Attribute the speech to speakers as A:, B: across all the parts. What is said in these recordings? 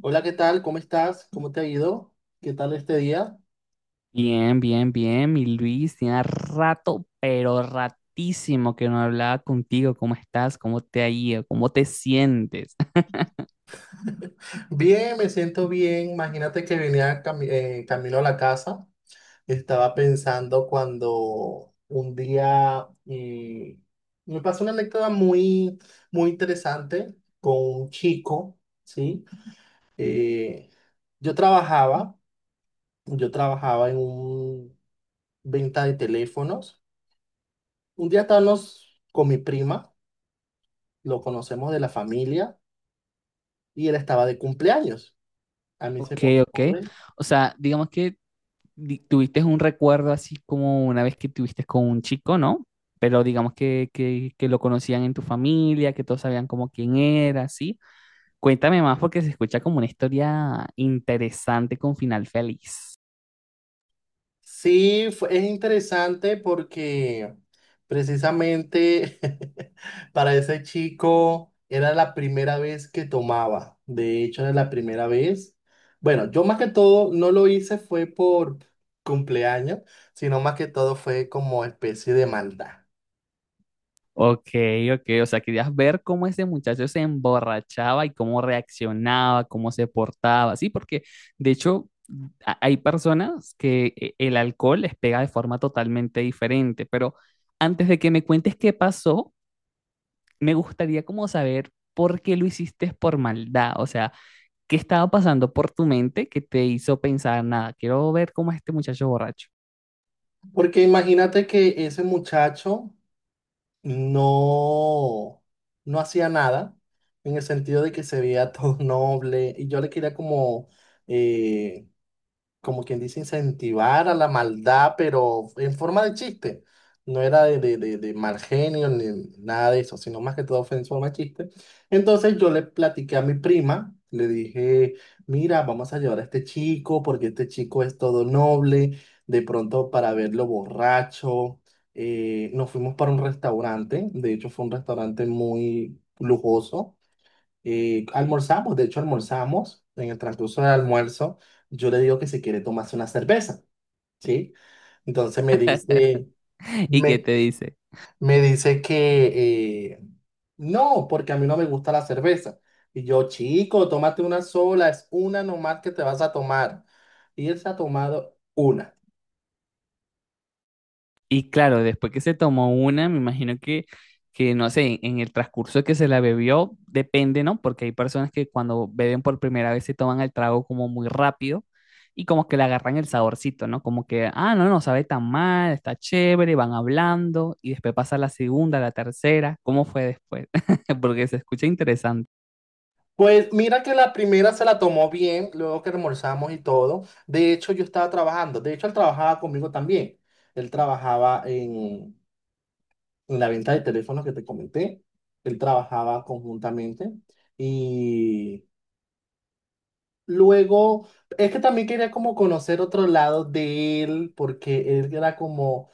A: Hola, ¿qué tal? ¿Cómo estás? ¿Cómo te ha ido? ¿Qué tal este día?
B: Bien, bien, bien, mi Luis, tenía rato, pero ratísimo que no hablaba contigo. ¿Cómo estás? ¿Cómo te ha ido? ¿Cómo te sientes?
A: Bien, me siento bien. Imagínate que venía camino a la casa. Estaba pensando cuando un día me pasó una anécdota muy, muy interesante con un chico, ¿sí? Eh, yo trabajaba, yo trabajaba en un venta de teléfonos. Un día estábamos con mi prima, lo conocemos de la familia, y él estaba de cumpleaños. A mí se
B: Ok,
A: me
B: ok.
A: ocurre.
B: O sea, digamos que tuviste un recuerdo así como una vez que tuviste con un chico, ¿no? Pero digamos que, que, lo conocían en tu familia, que todos sabían como quién era, ¿sí? Cuéntame más porque se escucha como una historia interesante con final feliz.
A: Sí, es interesante porque precisamente para ese chico era la primera vez que tomaba. De hecho, era la primera vez. Bueno, yo más que todo no lo hice fue por cumpleaños, sino más que todo fue como especie de maldad.
B: Ok, ok, o sea, querías ver cómo ese muchacho se emborrachaba y cómo reaccionaba, cómo se portaba, sí, porque de hecho hay personas que el alcohol les pega de forma totalmente diferente, pero antes de que me cuentes qué pasó, me gustaría como saber por qué lo hiciste por maldad, o sea, qué estaba pasando por tu mente que te hizo pensar, nada, quiero ver cómo es este muchacho borracho.
A: Porque imagínate que ese muchacho no, no hacía nada, en el sentido de que se veía todo noble, y yo le quería como, eh, como quien dice, incentivar a la maldad, pero en forma de chiste. No era de mal genio ni nada de eso, sino más que todo fue en forma de chiste. Entonces yo le platiqué a mi prima, le dije, mira, vamos a llevar a este chico porque este chico es todo noble, de pronto para verlo borracho. Nos fuimos para un restaurante, de hecho fue un restaurante muy lujoso y almorzamos, de hecho almorzamos, en el transcurso del almuerzo, yo le digo que si quiere tomarse una cerveza, ¿sí? Entonces me dice,
B: ¿Y qué
A: me,
B: te dice?
A: me dice que no, porque a mí no me gusta la cerveza. Y yo, chico, tómate una sola, es una nomás que te vas a tomar. Y él se ha tomado una.
B: Y claro, después que se tomó una, me imagino que no sé, en, el transcurso que se la bebió, depende, ¿no? Porque hay personas que cuando beben por primera vez se toman el trago como muy rápido y como que le agarran el saborcito, ¿no? Como que, ah, no, no sabe tan mal, está chévere, van hablando y después pasa la segunda, la tercera, ¿cómo fue después? Porque se escucha interesante.
A: Pues mira que la primera se la tomó bien, luego que almorzamos y todo. De hecho, yo estaba trabajando, de hecho, él trabajaba conmigo también. Él trabajaba en la venta de teléfonos que te comenté. Él trabajaba conjuntamente y luego, es que también quería como conocer otro lado de él, porque él era como,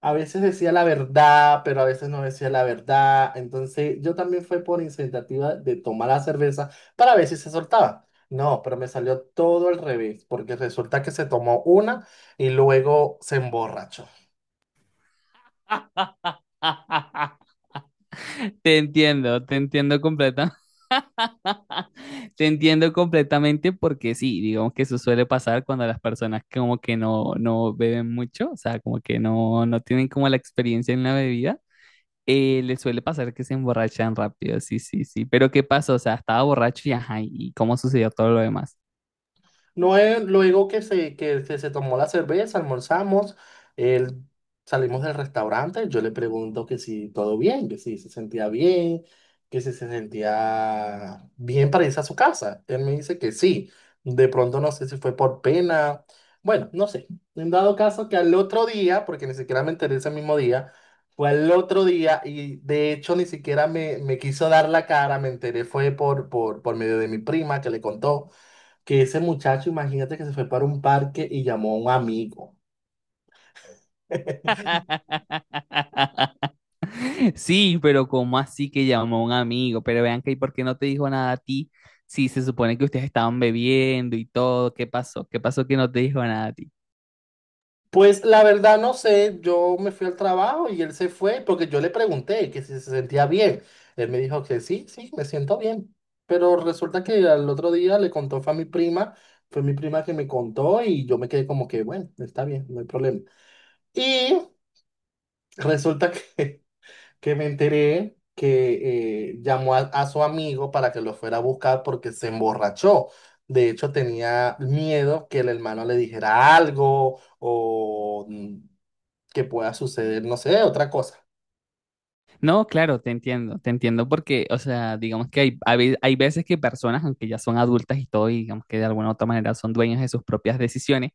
A: a veces decía la verdad, pero a veces no decía la verdad. Entonces yo también fue por iniciativa de tomar la cerveza para ver si se soltaba. No, pero me salió todo al revés, porque resulta que se tomó una y luego se emborrachó.
B: Te entiendo completamente. Te entiendo completamente porque sí, digamos que eso suele pasar cuando las personas como que no, no beben mucho, o sea, como que no, no tienen como la experiencia en la bebida, les suele pasar que se emborrachan rápido, sí, sí, sí. Pero ¿qué pasó? O sea, estaba borracho y ajá, ¿y cómo sucedió todo lo demás?
A: No, luego que se tomó la cerveza, almorzamos, él- salimos del restaurante, yo le pregunto que si todo bien, que si se sentía bien, que si se sentía bien para irse a su casa. Él me dice que sí. De pronto no sé si fue por pena, bueno, no sé. En dado caso que al otro día, porque ni siquiera me enteré ese mismo día, fue al otro día y de hecho ni siquiera me quiso dar la cara, me enteré fue por, por medio de mi prima que le contó que ese muchacho, imagínate que se fue para un parque y llamó a un amigo.
B: Sí, pero ¿cómo así que llamó a un amigo? Pero vean que, ¿y por qué no te dijo nada a ti? Si se supone que ustedes estaban bebiendo y todo, ¿qué pasó? ¿Qué pasó que no te dijo nada a ti?
A: Pues la verdad no sé, yo me fui al trabajo y él se fue porque yo le pregunté que si se sentía bien. Él me dijo que sí, sí, me siento bien. Pero resulta que al otro día le contó, fue a mi prima, fue mi prima que me contó y yo me quedé como que, bueno, está bien, no hay problema. Y resulta que que me enteré que llamó a su amigo para que lo fuera a buscar porque se emborrachó. De hecho, tenía miedo que el hermano le dijera algo o que pueda suceder, no sé, otra cosa.
B: No, claro, te entiendo porque, o sea, digamos que hay, hay veces que personas, aunque ya son adultas y todo, y digamos que de alguna u otra manera son dueñas de sus propias decisiones,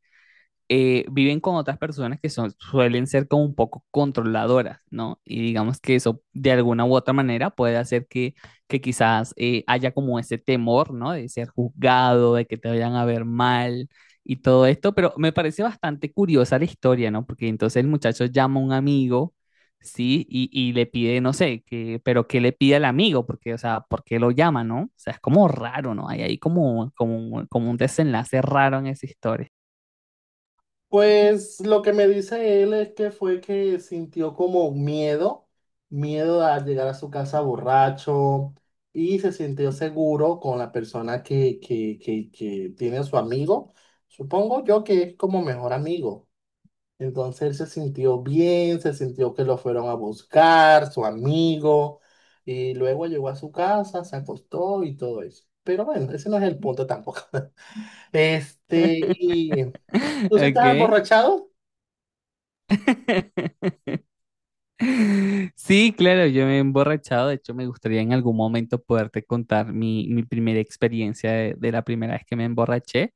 B: viven con otras personas que son, suelen ser como un poco controladoras, ¿no? Y digamos que eso de alguna u otra manera puede hacer que quizás haya como ese temor, ¿no? De ser juzgado, de que te vayan a ver mal y todo esto, pero me parece bastante curiosa la historia, ¿no? Porque entonces el muchacho llama a un amigo, ¿sí? Y le pide, no sé, que, pero ¿qué le pide al amigo? Porque, o sea, ¿por qué lo llama, no? O sea, es como raro, ¿no? Hay ahí como, como, como un desenlace raro en esa historia.
A: Pues lo que me dice él es que fue que sintió como miedo, miedo a llegar a su casa borracho y se sintió seguro con la persona que tiene su amigo. Supongo yo que es como mejor amigo. Entonces él se sintió bien, se sintió que lo fueron a buscar, su amigo, y luego llegó a su casa, se acostó y todo eso. Pero bueno, ese no es el punto tampoco. Este, y tú si estás
B: Ok.
A: emborrachado,
B: Sí, claro, yo me he emborrachado. De hecho, me gustaría en algún momento poderte contar mi primera experiencia de la primera vez que me emborraché.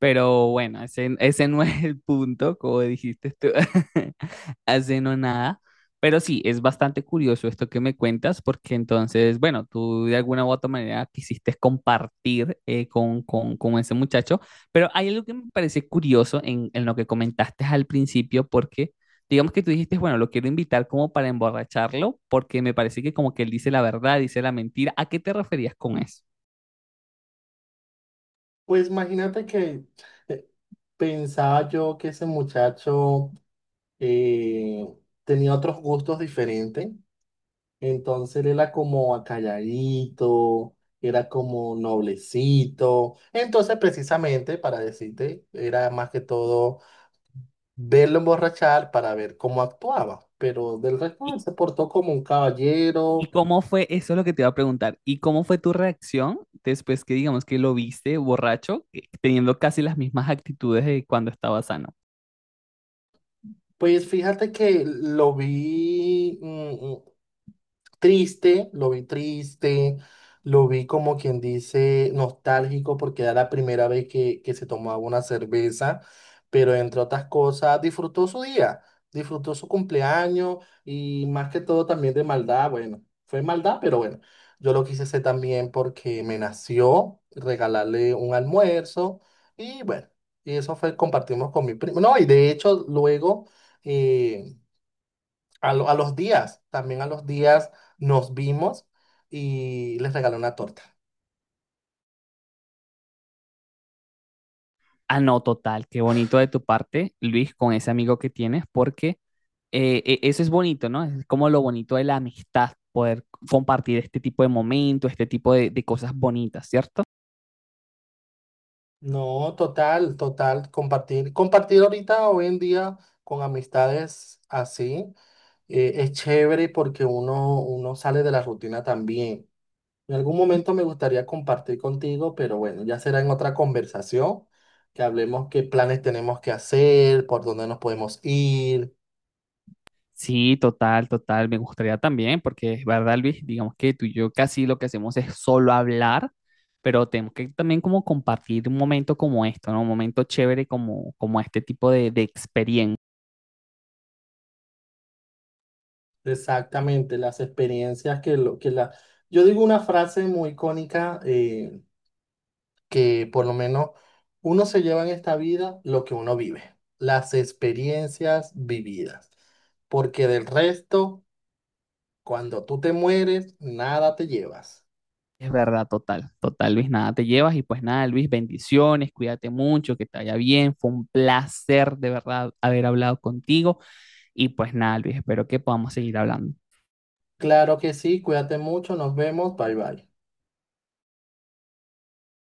B: Pero bueno, ese no es el punto, como dijiste tú, hace no nada. Pero sí, es bastante curioso esto que me cuentas, porque entonces, bueno, tú de alguna u otra manera quisiste compartir con, con ese muchacho, pero hay algo que me parece curioso en lo que comentaste al principio, porque digamos que tú dijiste, bueno, lo quiero invitar como para emborracharlo, porque me parece que como que él dice la verdad, dice la mentira. ¿A qué te referías con eso?
A: pues imagínate que eh, pensaba yo que ese muchacho eh, tenía otros gustos diferentes. Entonces él era como acalladito, era como noblecito. Entonces, precisamente para decirte, era más que todo verlo emborrachar para ver cómo actuaba. Pero del resto él se portó como un
B: ¿Y
A: caballero.
B: cómo fue? Eso es lo que te iba a preguntar. ¿Y cómo fue tu reacción después que digamos que lo viste borracho, teniendo casi las mismas actitudes de cuando estaba sano?
A: Pues fíjate que lo vi. Triste, lo vi triste, lo vi como quien dice nostálgico porque era la primera vez que se tomaba una cerveza, pero entre otras cosas disfrutó su día, disfrutó su cumpleaños y más que todo también de maldad, bueno, fue maldad, pero bueno, yo lo quise hacer también porque me nació regalarle un almuerzo y bueno, y eso fue, compartimos con mi primo, no, y de hecho luego eh, a los días, también a los días nos vimos y les regalé una torta.
B: Ah, no, total, qué bonito de tu parte, Luis, con ese amigo que tienes, porque eso es bonito, ¿no? Es como lo bonito de la amistad, poder compartir este tipo de momentos, este tipo de cosas bonitas, ¿cierto?
A: No, total, total, compartir, compartir ahorita, hoy en día, con amistades así, es chévere porque uno, uno sale de la rutina también. En algún momento me gustaría compartir contigo, pero bueno, ya será en otra conversación, que hablemos qué planes tenemos que hacer, por dónde nos podemos ir.
B: Sí, total, total. Me gustaría también, porque es verdad, Luis, digamos que tú y yo casi lo que hacemos es solo hablar, pero tenemos que también como compartir un momento como esto, ¿no? Un momento chévere como, como este tipo de experiencia.
A: Exactamente, las experiencias que lo que la. Yo digo una frase muy icónica que por lo menos uno se lleva en esta vida lo que uno vive, las experiencias vividas, porque del resto, cuando tú te mueres, nada te llevas.
B: Es verdad, total, total, Luis, nada te llevas y pues nada, Luis, bendiciones, cuídate mucho, que te vaya bien. Fue un placer de verdad haber hablado contigo y pues nada, Luis, espero que podamos seguir hablando.
A: Claro que sí, cuídate mucho, nos vemos, bye bye.